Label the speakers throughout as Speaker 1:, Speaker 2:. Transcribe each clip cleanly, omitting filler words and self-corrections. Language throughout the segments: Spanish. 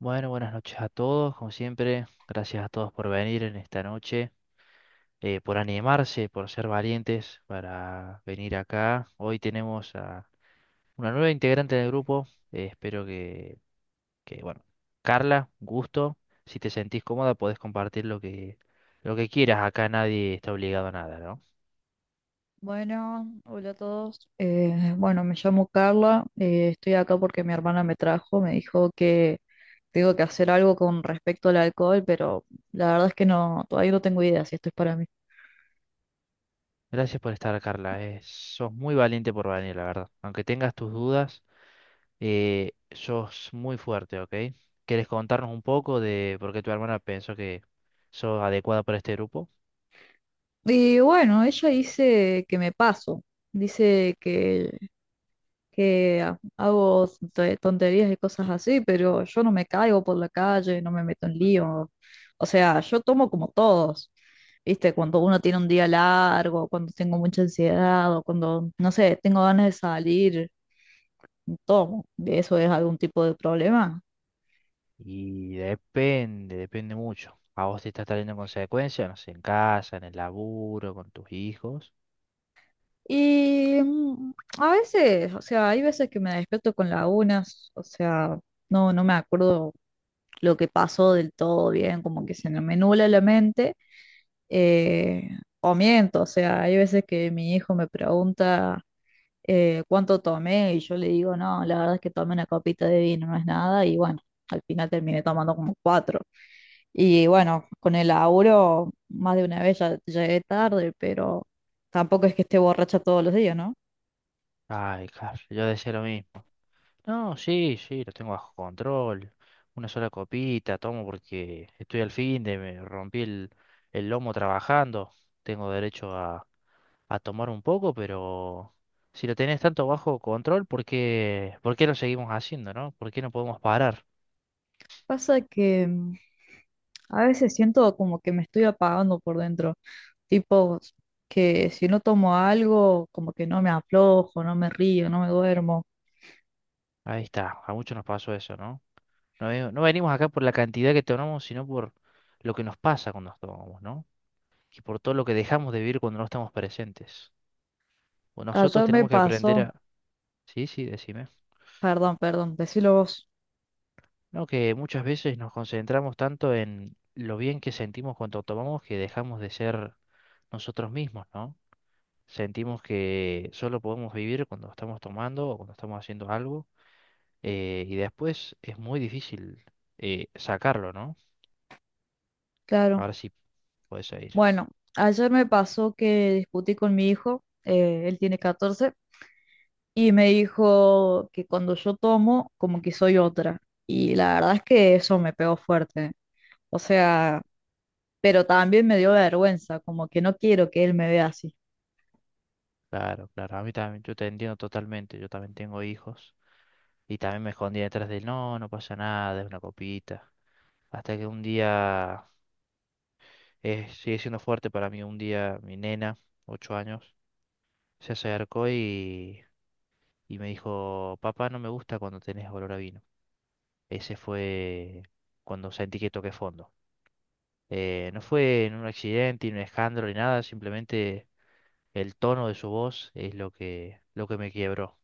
Speaker 1: Bueno, buenas noches a todos, como siempre. Gracias a todos por venir en esta noche, por animarse, por ser valientes para venir acá. Hoy tenemos a una nueva integrante del grupo. Espero que, bueno, Carla, un gusto. Si te sentís cómoda, podés compartir lo que quieras. Acá nadie está obligado a nada, ¿no?
Speaker 2: Bueno, hola a todos. Bueno, Me llamo Carla. Estoy acá porque mi hermana me trajo. Me dijo que tengo que hacer algo con respecto al alcohol, pero la verdad es que no, todavía no tengo idea si esto es para mí.
Speaker 1: Gracias por estar, Carla. Sos muy valiente por venir, la verdad. Aunque tengas tus dudas, sos muy fuerte, ¿ok? ¿Quieres contarnos un poco de por qué tu hermana pensó que sos adecuada para este grupo?
Speaker 2: Y bueno, ella dice que me paso. Dice que hago tonterías y cosas así, pero yo no me caigo por la calle, no me meto en lío. O sea, yo tomo como todos, ¿viste? Cuando uno tiene un día largo, cuando tengo mucha ansiedad o cuando, no sé, tengo ganas de salir, tomo. ¿Eso es algún tipo de problema?
Speaker 1: Y depende, depende mucho. A vos te está trayendo consecuencias, no sé, en casa, en el laburo, con tus hijos.
Speaker 2: Y mm, a veces, o sea, hay veces que me despierto con lagunas, o sea, no me acuerdo lo que pasó del todo bien, como que se me nubla la mente. eh, o miento, o sea, hay veces que mi hijo me pregunta ¿cuánto tomé? Y yo le digo, no, la verdad es que tomé una copita de vino, no es nada, y bueno, al final terminé tomando como cuatro. Y bueno, con el laburo, más de una vez ya llegué tarde, pero tampoco es que esté borracha todos los días, ¿no?
Speaker 1: Ay, claro, yo decía lo mismo. No, sí, sí, lo tengo bajo control. Una sola copita tomo porque estoy al fin de, me rompí el lomo trabajando. Tengo derecho a tomar un poco, pero si lo tenés tanto bajo control, ¿por qué lo seguimos haciendo, ¿no? ¿Por qué no podemos parar?
Speaker 2: Pasa que a veces siento como que me estoy apagando por dentro, tipo que si no tomo algo, como que no me aflojo, no me río, no me duermo.
Speaker 1: Ahí está, a muchos nos pasó eso, ¿no? No venimos acá por la cantidad que tomamos, sino por lo que nos pasa cuando nos tomamos, ¿no? Y por todo lo que dejamos de vivir cuando no estamos presentes. O nosotros
Speaker 2: Ayer me
Speaker 1: tenemos que aprender
Speaker 2: pasó,
Speaker 1: a... Sí, sí, decime.
Speaker 2: perdón, perdón, decilo vos,
Speaker 1: No, que muchas veces nos concentramos tanto en lo bien que sentimos cuando tomamos que dejamos de ser nosotros mismos, ¿no? Sentimos que solo podemos vivir cuando estamos tomando o cuando estamos haciendo algo, y después es muy difícil sacarlo, ¿no?
Speaker 2: claro.
Speaker 1: Ahora sí puedes ir.
Speaker 2: Bueno, ayer me pasó que discutí con mi hijo, él tiene 14, y me dijo que cuando yo tomo, como que soy otra. Y la verdad es que eso me pegó fuerte. O sea, pero también me dio vergüenza, como que no quiero que él me vea así.
Speaker 1: Claro, claro. A mí también, yo te entiendo totalmente. Yo también tengo hijos y también me escondí detrás del no, no pasa nada, es una copita. Hasta que un día, sigue siendo fuerte para mí, un día mi nena, 8 años, se acercó y me dijo, papá, no me gusta cuando tenés olor a vino. Ese fue cuando sentí que toqué fondo. No fue en un accidente, ni un escándalo, ni nada, simplemente el tono de su voz es lo que me quebró.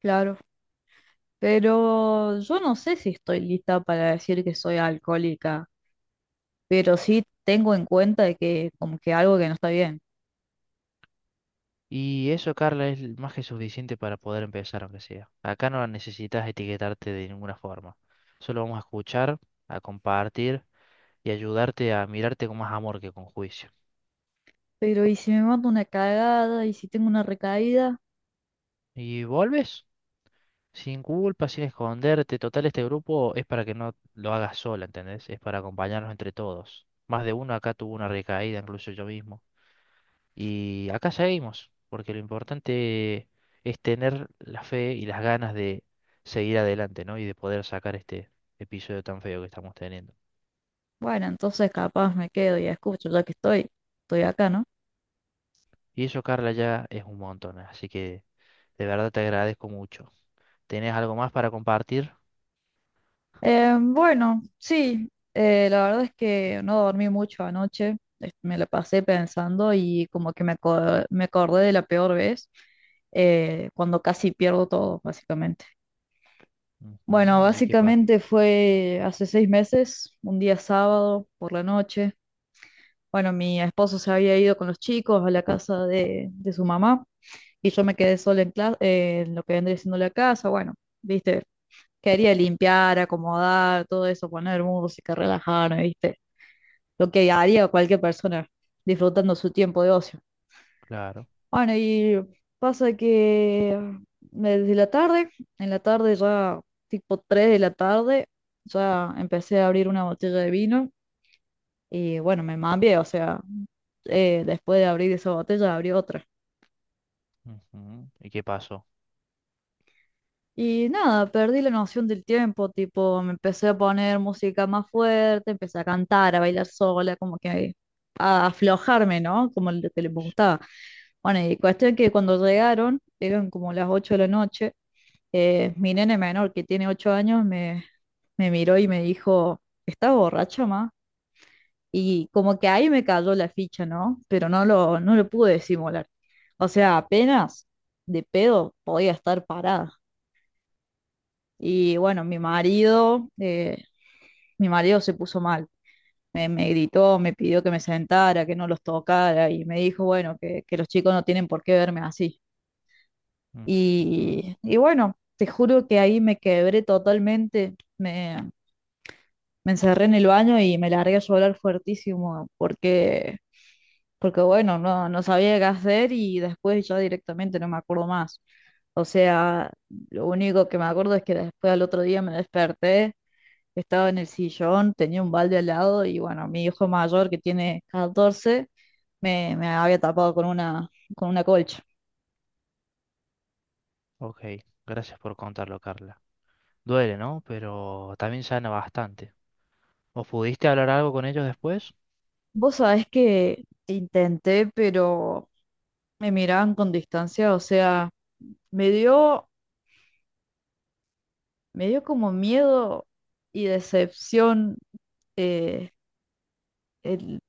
Speaker 2: Claro, pero yo no sé si estoy lista para decir que soy alcohólica, pero sí tengo en cuenta de que como que algo que no está bien.
Speaker 1: Y eso, Carla, es más que suficiente para poder empezar, aunque sea. Acá no necesitas etiquetarte de ninguna forma. Solo vamos a escuchar, a compartir y ayudarte a mirarte con más amor que con juicio.
Speaker 2: Pero ¿y si me mando una cagada? ¿Y si tengo una recaída?
Speaker 1: ¿Y vuelves? Sin culpa, sin esconderte. Total, este grupo es para que no lo hagas sola, ¿entendés? Es para acompañarnos entre todos. Más de uno acá tuvo una recaída, incluso yo mismo. Y acá seguimos, porque lo importante es tener la fe y las ganas de seguir adelante, ¿no? Y de poder sacar este episodio tan feo que estamos teniendo.
Speaker 2: Bueno, entonces capaz me quedo y escucho, ya que estoy acá, ¿no?
Speaker 1: Y eso, Carla, ya es un montón, así que de verdad te agradezco mucho. ¿Tenés algo más para compartir?
Speaker 2: Bueno, sí, la verdad es que no dormí mucho anoche, me la pasé pensando y como que me acordé de la peor vez, cuando casi pierdo todo, básicamente. Bueno,
Speaker 1: Ujú. ¿Y qué pasó?
Speaker 2: básicamente fue hace 6 meses, un día sábado por la noche. Bueno, mi esposo se había ido con los chicos a la casa de su mamá y yo me quedé sola en lo que vendría siendo la casa, bueno. Viste, quería limpiar, acomodar, todo eso, poner música, relajarme, ¿viste? Lo que haría cualquier persona disfrutando su tiempo de ocio.
Speaker 1: Claro.
Speaker 2: Bueno, y pasa que desde la tarde, en la tarde ya, tipo 3 de la tarde, ya empecé a abrir una botella de vino y bueno, me mambié, o sea, después de abrir esa botella, abrí otra.
Speaker 1: Ujú. ¿Y qué pasó?
Speaker 2: Y nada, perdí la noción del tiempo, tipo, me empecé a poner música más fuerte, empecé a cantar, a bailar sola, como que a aflojarme, ¿no? Como lo que les gustaba. Bueno, y cuestión que cuando llegaron, eran como las 8 de la noche, mi nene menor, que tiene 8 años, me miró y me dijo, ¿estás borracha, ma? Y como que ahí me cayó la ficha, ¿no? Pero no lo pude disimular. O sea, apenas de pedo podía estar parada. Y bueno, mi marido se puso mal. Me gritó, me pidió que me sentara, que no los tocara y me dijo, bueno, que los chicos no tienen por qué verme así.
Speaker 1: Ujú.
Speaker 2: Y bueno, te juro que ahí me quebré totalmente. Me encerré en el baño y me largué a llorar fuertísimo porque, porque bueno, no sabía qué hacer y después yo directamente no me acuerdo más. O sea, lo único que me acuerdo es que después al otro día me desperté, estaba en el sillón, tenía un balde al lado y bueno, mi hijo mayor que tiene 14 me había tapado con con una colcha.
Speaker 1: Ok, gracias por contarlo, Carla. Duele, ¿no? Pero también sana bastante. ¿O pudiste hablar algo con ellos después?
Speaker 2: Vos sabés que intenté, pero me miraban con distancia, o sea, me dio, me dio como miedo y decepción, eh, el,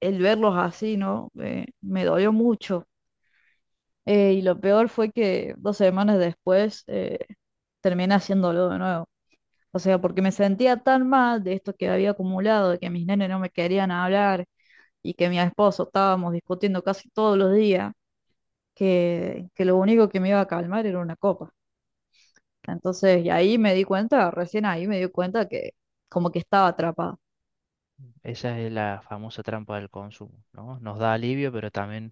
Speaker 2: el verlos así, ¿no? Me dolió mucho. Y lo peor fue que 2 semanas después terminé haciéndolo de nuevo. O sea, porque me sentía tan mal de esto que había acumulado, de que mis nenes no me querían hablar y que mi esposo estábamos discutiendo casi todos los días, que lo único que me iba a calmar era una copa. Entonces, y ahí me di cuenta, recién ahí me di cuenta que como que estaba atrapada.
Speaker 1: Esa es la famosa trampa del consumo, ¿no? Nos da alivio, pero también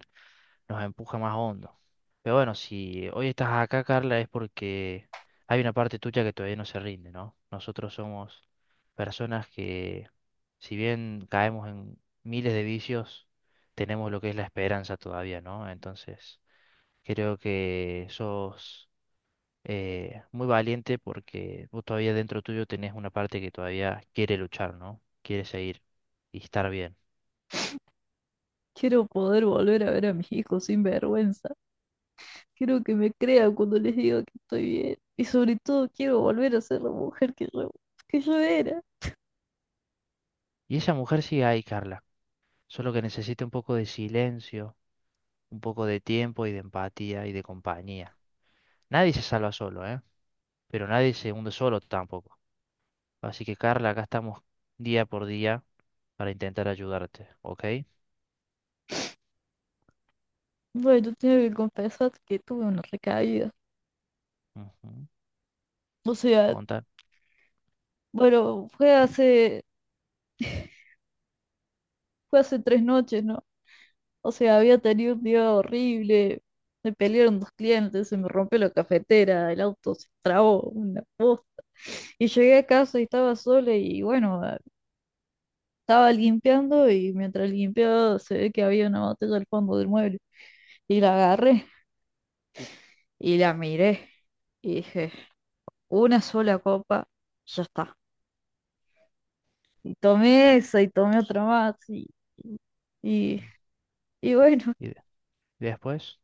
Speaker 1: nos empuja más hondo. Pero bueno, si hoy estás acá, Carla, es porque hay una parte tuya que todavía no se rinde, ¿no? Nosotros somos personas que, si bien caemos en miles de vicios, tenemos lo que es la esperanza todavía, ¿no? Entonces, creo que sos muy valiente porque vos todavía dentro tuyo tenés una parte que todavía quiere luchar, ¿no? Quiere seguir y estar bien.
Speaker 2: Quiero poder volver a ver a mis hijos sin vergüenza. Quiero que me crean cuando les digo que estoy bien. Y sobre todo quiero volver a ser la mujer que yo era.
Speaker 1: Y esa mujer sigue ahí, Carla, solo que necesita un poco de silencio, un poco de tiempo y de empatía y de compañía. Nadie se salva solo, ¿eh? Pero nadie se hunde solo tampoco. Así que, Carla, acá estamos día por día para intentar ayudarte, ¿ok?
Speaker 2: Bueno, tengo que confesar que tuve una recaída.
Speaker 1: Ujú.
Speaker 2: O sea,
Speaker 1: Contar.
Speaker 2: bueno, fue hace 3 noches, ¿no? O sea, había tenido un día horrible. Me pelearon dos clientes, se me rompió la cafetera, el auto se trabó, una posta. Y llegué a casa y estaba sola y bueno, estaba limpiando y mientras limpiaba se ve que había una botella al fondo del mueble. Y la agarré y la miré y dije, una sola copa, ya está. Y tomé esa y tomé otra más y, y bueno.
Speaker 1: ¿Y de- después?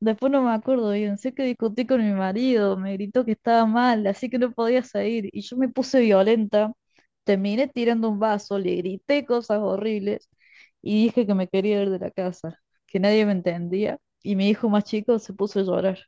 Speaker 2: Después no me acuerdo bien, sé que discutí con mi marido, me gritó que estaba mal, así que no podía salir, y yo me puse violenta, terminé tirando un vaso, le grité cosas horribles y dije que me quería ir de la casa, que nadie me entendía, y mi hijo más chico se puso a llorar.